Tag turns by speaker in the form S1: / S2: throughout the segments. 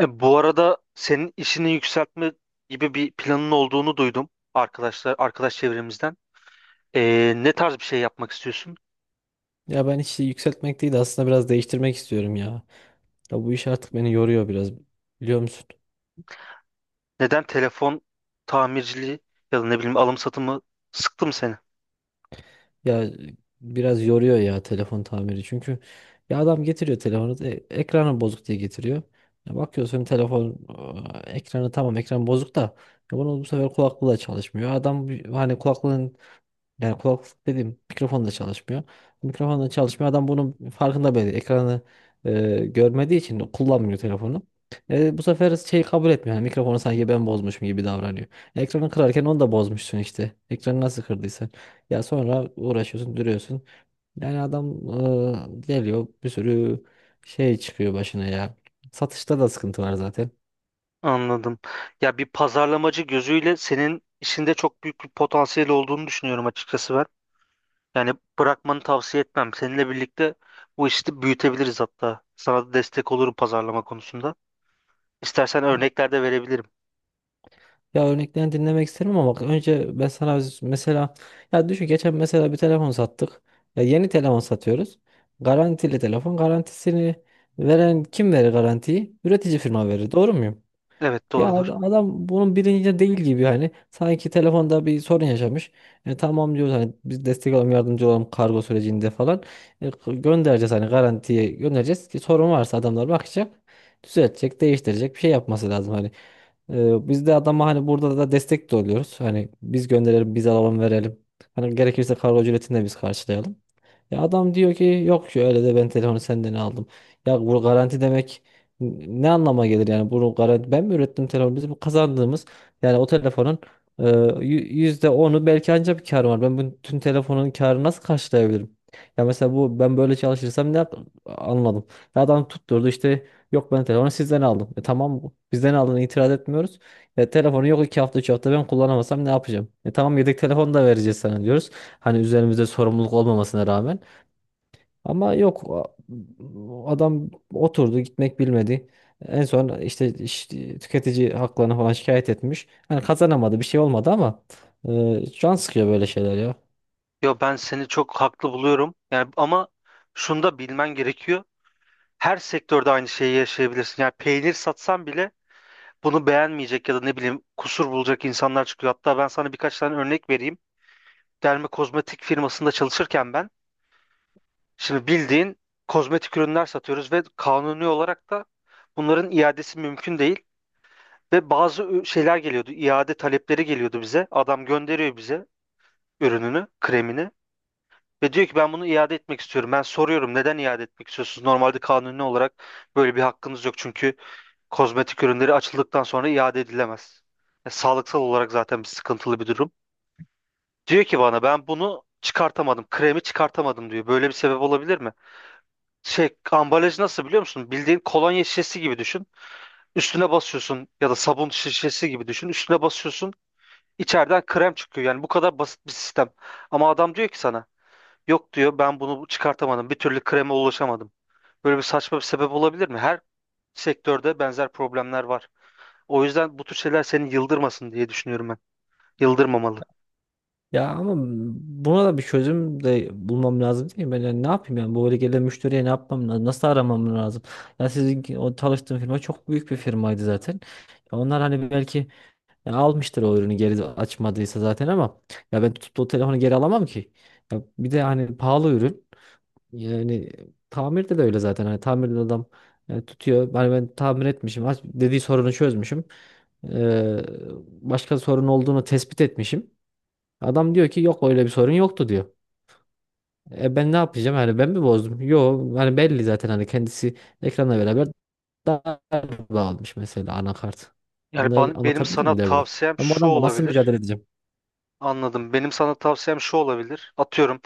S1: Bu arada senin işini yükseltme gibi bir planın olduğunu duydum arkadaş çevremizden. Ne tarz bir şey yapmak istiyorsun?
S2: Ya ben işi yükseltmek değil de aslında biraz değiştirmek istiyorum ya. Ya bu iş artık beni yoruyor biraz biliyor musun?
S1: Neden telefon tamirciliği ya da ne bileyim alım satımı sıktı mı seni?
S2: Ya e, Biraz yoruyor ya telefon tamiri çünkü ya adam getiriyor telefonu ekranı bozuk diye getiriyor. Ya bakıyorsun telefon ekranı tamam ekran bozuk da ya bunu bu sefer kulaklığı da çalışmıyor. Adam hani kulaklığın. Yani kulaklık dediğim mikrofon da çalışmıyor. Mikrofon da çalışmıyor. Adam bunun farkında bile değil. Ekranı görmediği için kullanmıyor telefonu. Bu sefer şey kabul etmiyor. Yani mikrofonu sanki ben bozmuşum gibi davranıyor. Ekranı kırarken onu da bozmuşsun işte. Ekranı nasıl kırdıysan. Ya sonra uğraşıyorsun, duruyorsun. Yani adam geliyor bir sürü şey çıkıyor başına ya. Satışta da sıkıntı var zaten.
S1: Anladım. Ya bir pazarlamacı gözüyle senin işinde çok büyük bir potansiyel olduğunu düşünüyorum açıkçası ben. Yani bırakmanı tavsiye etmem. Seninle birlikte bu işi büyütebiliriz hatta. Sana da destek olurum pazarlama konusunda. İstersen örnekler de verebilirim.
S2: Ya örneklerini dinlemek isterim ama bak önce ben sana mesela ya düşün geçen mesela bir telefon sattık. Ya yeni telefon satıyoruz. Garantili telefon. Garantisini veren kim verir garantiyi? Üretici firma verir. Doğru muyum?
S1: Evet
S2: Ya
S1: doğrudur.
S2: adam bunun bilincinde değil gibi hani sanki telefonda bir sorun yaşamış. Tamam diyoruz hani biz destek olalım yardımcı olalım kargo sürecinde falan. Göndereceğiz hani garantiye göndereceğiz ki sorun varsa adamlar bakacak düzeltecek değiştirecek bir şey yapması lazım hani. Biz de adama hani burada da destek de oluyoruz hani biz gönderelim biz alalım verelim. Hani gerekirse kargo ücretini de biz karşılayalım. Ya adam diyor ki yok ya öyle de ben telefonu senden aldım. Ya bu garanti demek ne anlama gelir yani bunu garanti ben mi ürettim telefonu bizim kazandığımız yani o telefonun e, yü- yüzde onu belki ancak bir kar var. Ben bütün telefonun karını nasıl karşılayabilirim? Ya mesela bu ben böyle çalışırsam anladım. Ya adam tutturdu işte yok ben telefonu sizden aldım. E tamam bizden aldığını itiraz etmiyoruz. Telefonu yok iki hafta üç hafta ben kullanamasam ne yapacağım? E tamam yedek telefon da vereceğiz sana diyoruz. Hani üzerimizde sorumluluk olmamasına rağmen. Ama yok adam oturdu gitmek bilmedi. En son işte tüketici haklarını falan şikayet etmiş. Yani kazanamadı bir şey olmadı ama can sıkıyor böyle şeyler ya.
S1: Yo ben seni çok haklı buluyorum. Yani ama şunu da bilmen gerekiyor. Her sektörde aynı şeyi yaşayabilirsin. Yani peynir satsan bile bunu beğenmeyecek ya da ne bileyim kusur bulacak insanlar çıkıyor. Hatta ben sana birkaç tane örnek vereyim. Derme kozmetik firmasında çalışırken ben şimdi bildiğin kozmetik ürünler satıyoruz ve kanuni olarak da bunların iadesi mümkün değil. Ve bazı şeyler geliyordu. İade talepleri geliyordu bize. Adam gönderiyor bize ürününü, kremini. Ve diyor ki ben bunu iade etmek istiyorum. Ben soruyorum neden iade etmek istiyorsunuz? Normalde kanuni olarak böyle bir hakkınız yok. Çünkü kozmetik ürünleri açıldıktan sonra iade edilemez. Ya, sağlıksal olarak zaten bir sıkıntılı bir durum. Diyor ki bana ben bunu çıkartamadım. Kremi çıkartamadım diyor. Böyle bir sebep olabilir mi? Şey ambalaj nasıl biliyor musun? Bildiğin kolonya şişesi gibi düşün. Üstüne basıyorsun ya da sabun şişesi gibi düşün. Üstüne basıyorsun. İçeriden krem çıkıyor. Yani bu kadar basit bir sistem. Ama adam diyor ki sana yok diyor ben bunu çıkartamadım. Bir türlü kreme ulaşamadım. Böyle bir saçma bir sebep olabilir mi? Her sektörde benzer problemler var. O yüzden bu tür şeyler seni yıldırmasın diye düşünüyorum ben. Yıldırmamalı.
S2: Ya ama buna da bir çözüm de bulmam lazım değil mi? Ben yani ne yapayım yani bu böyle gelen müşteriye ne yapmam lazım? Nasıl aramam lazım? Ya sizin o çalıştığım firma çok büyük bir firmaydı zaten. Ya onlar hani belki ya almıştır o ürünü geri açmadıysa zaten ama ya ben tutup da o telefonu geri alamam ki. Ya bir de hani pahalı ürün. Yani tamirde de öyle zaten. Hani tamirde de adam tutuyor. Hani ben tamir etmişim. Dediği sorunu çözmüşüm. Ee, Başka sorun olduğunu tespit etmişim. Adam diyor ki yok öyle bir sorun yoktu diyor. E ben ne yapacağım? Hani ben mi bozdum? Yok. Hani belli zaten hani kendisi ekranla beraber daha bağlamış mesela anakart.
S1: Yani benim
S2: Anlatabildim
S1: sana
S2: mi derdim.
S1: tavsiyem
S2: Ben bu
S1: şu
S2: adamla nasıl
S1: olabilir.
S2: mücadele edeceğim?
S1: Anladım. Benim sana tavsiyem şu olabilir. Atıyorum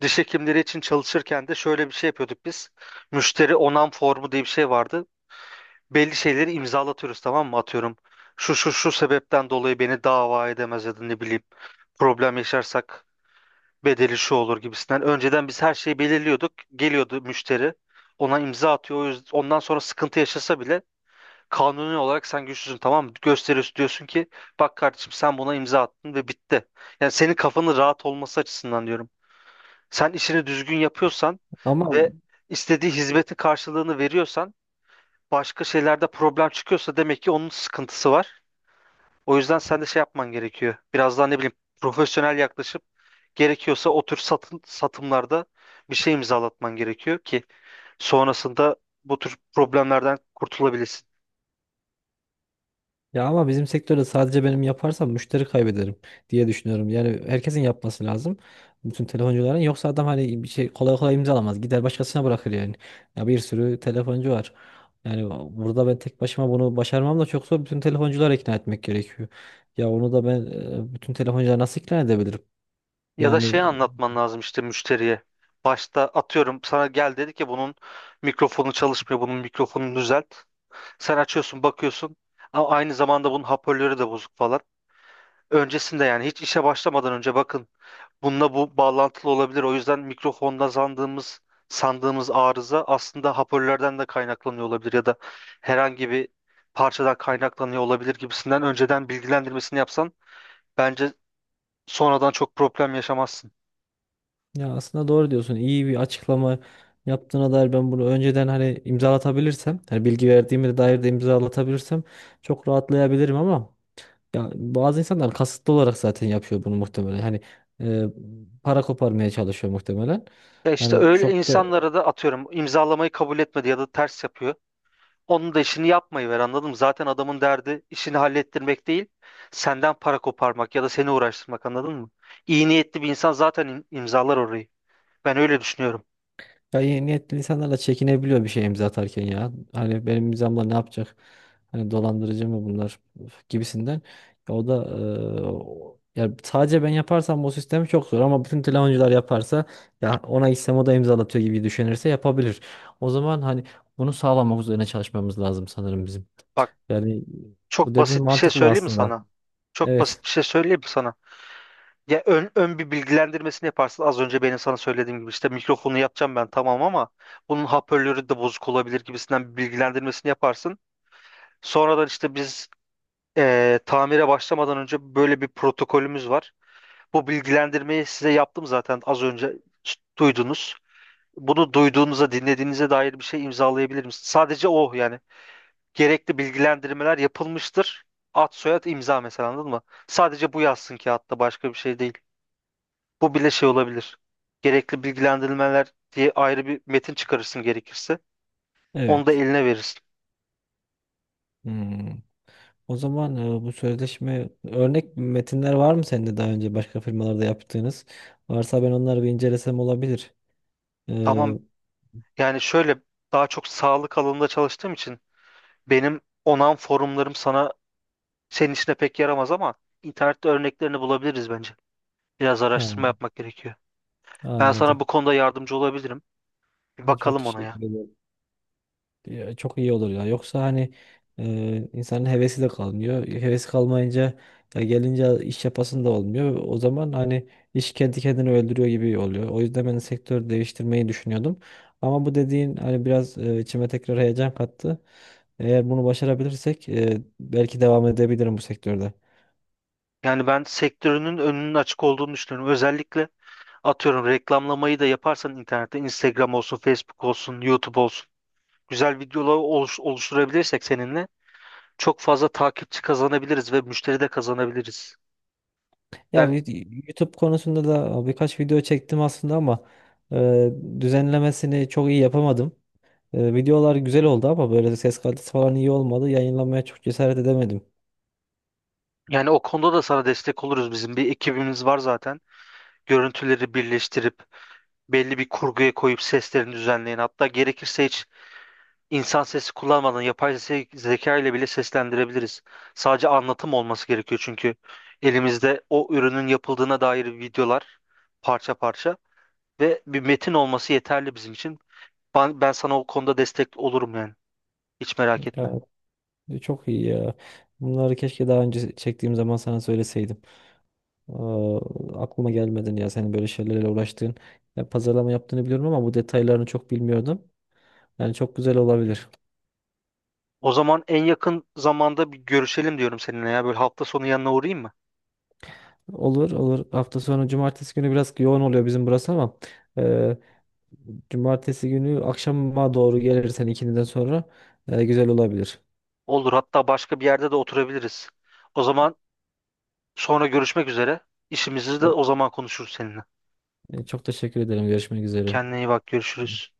S1: diş hekimleri için çalışırken de şöyle bir şey yapıyorduk biz. Müşteri onam formu diye bir şey vardı. Belli şeyleri imzalatıyoruz tamam mı? Atıyorum şu şu şu sebepten dolayı beni dava edemez ya da ne bileyim problem yaşarsak bedeli şu olur gibisinden. Önceden biz her şeyi belirliyorduk. Geliyordu müşteri. Ona imza atıyor. Ondan sonra sıkıntı yaşasa bile kanuni olarak sen güçlüsün tamam mı? Gösteriyorsun diyorsun ki bak kardeşim sen buna imza attın ve bitti. Yani senin kafanın rahat olması açısından diyorum. Sen işini düzgün yapıyorsan
S2: Ama
S1: ve istediği hizmetin karşılığını veriyorsan başka şeylerde problem çıkıyorsa demek ki onun sıkıntısı var. O yüzden sen de şey yapman gerekiyor. Biraz daha ne bileyim profesyonel yaklaşıp gerekiyorsa o tür satımlarda bir şey imzalatman gerekiyor ki sonrasında bu tür problemlerden kurtulabilesin.
S2: Ya ama bizim sektörde sadece benim yaparsam müşteri kaybederim diye düşünüyorum. Yani herkesin yapması lazım. Bütün telefoncuların. Yoksa adam hani bir şey kolay kolay imzalamaz. Gider başkasına bırakır yani. Ya bir sürü telefoncu var. Yani burada ben tek başıma bunu başarmam da çok zor. Bütün telefoncuları ikna etmek gerekiyor. Ya onu da ben bütün telefoncuları nasıl ikna edebilirim?
S1: Ya da şey
S2: Yani
S1: anlatman lazım işte müşteriye. Başta atıyorum sana gel dedi ki bunun mikrofonu çalışmıyor, bunun mikrofonunu düzelt. Sen açıyorsun, bakıyorsun. Ama aynı zamanda bunun hoparlörü de bozuk falan. Öncesinde yani hiç işe başlamadan önce bakın. Bununla bu bağlantılı olabilir. O yüzden mikrofonda sandığımız arıza aslında hoparlörlerden de kaynaklanıyor olabilir ya da herhangi bir parçadan kaynaklanıyor olabilir gibisinden önceden bilgilendirmesini yapsan bence sonradan çok problem yaşamazsın.
S2: Ya aslında doğru diyorsun. İyi bir açıklama yaptığına dair ben bunu önceden hani imzalatabilirsem, hani bilgi verdiğime dair de imzalatabilirsem çok rahatlayabilirim ama ya bazı insanlar kasıtlı olarak zaten yapıyor bunu muhtemelen. E, Para koparmaya çalışıyor muhtemelen.
S1: Ya işte
S2: Yani
S1: öyle
S2: çok da
S1: insanlara da atıyorum imzalamayı kabul etmedi ya da ters yapıyor. Onun da işini yapmayı ver anladın mı? Zaten adamın derdi işini hallettirmek değil, senden para koparmak ya da seni uğraştırmak anladın mı? İyi niyetli bir insan zaten imzalar orayı. Ben öyle düşünüyorum.
S2: ya iyi niyetli insanlarla çekinebiliyor bir şey imza atarken ya. Hani benim imzamla ne yapacak? Hani dolandırıcı mı bunlar Üf, gibisinden. Ya o da ya sadece ben yaparsam bu sistemi çok zor ama bütün telefoncular yaparsa ya ona gitsem o da imzalatıyor gibi düşünürse yapabilir. O zaman hani bunu sağlamak üzerine çalışmamız lazım sanırım bizim.
S1: Bak
S2: Yani bu
S1: Çok
S2: dediğin
S1: basit bir şey
S2: mantıklı
S1: söyleyeyim mi
S2: aslında.
S1: sana? Çok
S2: Evet.
S1: basit bir şey söyleyeyim mi sana? Ya ön bir bilgilendirmesini yaparsın. Az önce benim sana söylediğim gibi işte mikrofonu yapacağım ben tamam ama bunun hoparlörü de bozuk olabilir gibisinden bir bilgilendirmesini yaparsın. Sonradan işte biz tamire başlamadan önce böyle bir protokolümüz var. Bu bilgilendirmeyi size yaptım zaten az önce duydunuz. Bunu duyduğunuza, dinlediğinize dair bir şey imzalayabilir misiniz? Sadece o yani gerekli bilgilendirmeler yapılmıştır. Ad soyad imza mesela anladın mı? Sadece bu yazsın ki hatta başka bir şey değil. Bu bile şey olabilir. Gerekli bilgilendirmeler diye ayrı bir metin çıkarırsın gerekirse. Onu da
S2: Evet.
S1: eline verirsin.
S2: Hmm. O zaman bu sözleşme örnek metinler var mı sende daha önce başka firmalarda yaptığınız? Varsa ben onları bir incelesem olabilir.
S1: Tamam.
S2: Ee,
S1: Hmm. Yani şöyle daha çok sağlık alanında çalıştığım için benim onan forumlarım senin işine pek yaramaz ama internette örneklerini bulabiliriz bence. Biraz araştırma
S2: ha,
S1: yapmak gerekiyor. Ben sana
S2: anladım.
S1: bu konuda yardımcı olabilirim. Bir
S2: Ha, çok
S1: bakalım ona ya.
S2: teşekkür ederim. Ya, çok iyi olur ya. Yoksa hani insanın hevesi de kalmıyor. Hevesi kalmayınca ya gelince iş yapasın da olmuyor. O zaman hani iş kendi kendini öldürüyor gibi oluyor. O yüzden ben sektör değiştirmeyi düşünüyordum. Ama bu dediğin hani biraz içime tekrar heyecan kattı. Eğer bunu başarabilirsek belki devam edebilirim bu sektörde.
S1: Yani ben sektörünün önünün açık olduğunu düşünüyorum. Özellikle atıyorum reklamlamayı da yaparsan internette Instagram olsun, Facebook olsun, YouTube olsun güzel videolar oluşturabilirsek seninle çok fazla takipçi kazanabiliriz ve müşteri de kazanabiliriz. Ben,
S2: YouTube konusunda da birkaç video çektim aslında ama e, düzenlemesini çok iyi yapamadım. Videolar güzel oldu ama böyle ses kalitesi falan iyi olmadı. Yayınlamaya çok cesaret edemedim.
S1: Yani o konuda da sana destek oluruz. Bizim bir ekibimiz var zaten. Görüntüleri birleştirip belli bir kurguya koyup seslerini düzenleyen hatta gerekirse hiç İnsan sesi kullanmadan yapay zeka ile bile seslendirebiliriz. Sadece anlatım olması gerekiyor çünkü elimizde o ürünün yapıldığına dair videolar parça parça ve bir metin olması yeterli bizim için. Ben sana o konuda destek olurum yani. Hiç merak etme.
S2: Ya, çok iyi ya. Bunları keşke daha önce çektiğim zaman sana söyleseydim. Aa, aklıma gelmedin ya senin böyle şeylerle uğraştığın. Ya, pazarlama yaptığını biliyorum ama bu detaylarını çok bilmiyordum. Yani çok güzel olabilir.
S1: O zaman en yakın zamanda bir görüşelim diyorum seninle ya. Böyle hafta sonu yanına uğrayayım mı?
S2: Olur olur. Hafta sonu cumartesi günü biraz yoğun oluyor bizim burası ama e, cumartesi günü akşama doğru gelirsen ikindiden sonra güzel olabilir.
S1: Olur. Hatta başka bir yerde de oturabiliriz. O zaman sonra görüşmek üzere. İşimizi de o zaman konuşuruz seninle.
S2: Çok teşekkür ederim. Görüşmek üzere.
S1: Kendine iyi bak. Görüşürüz.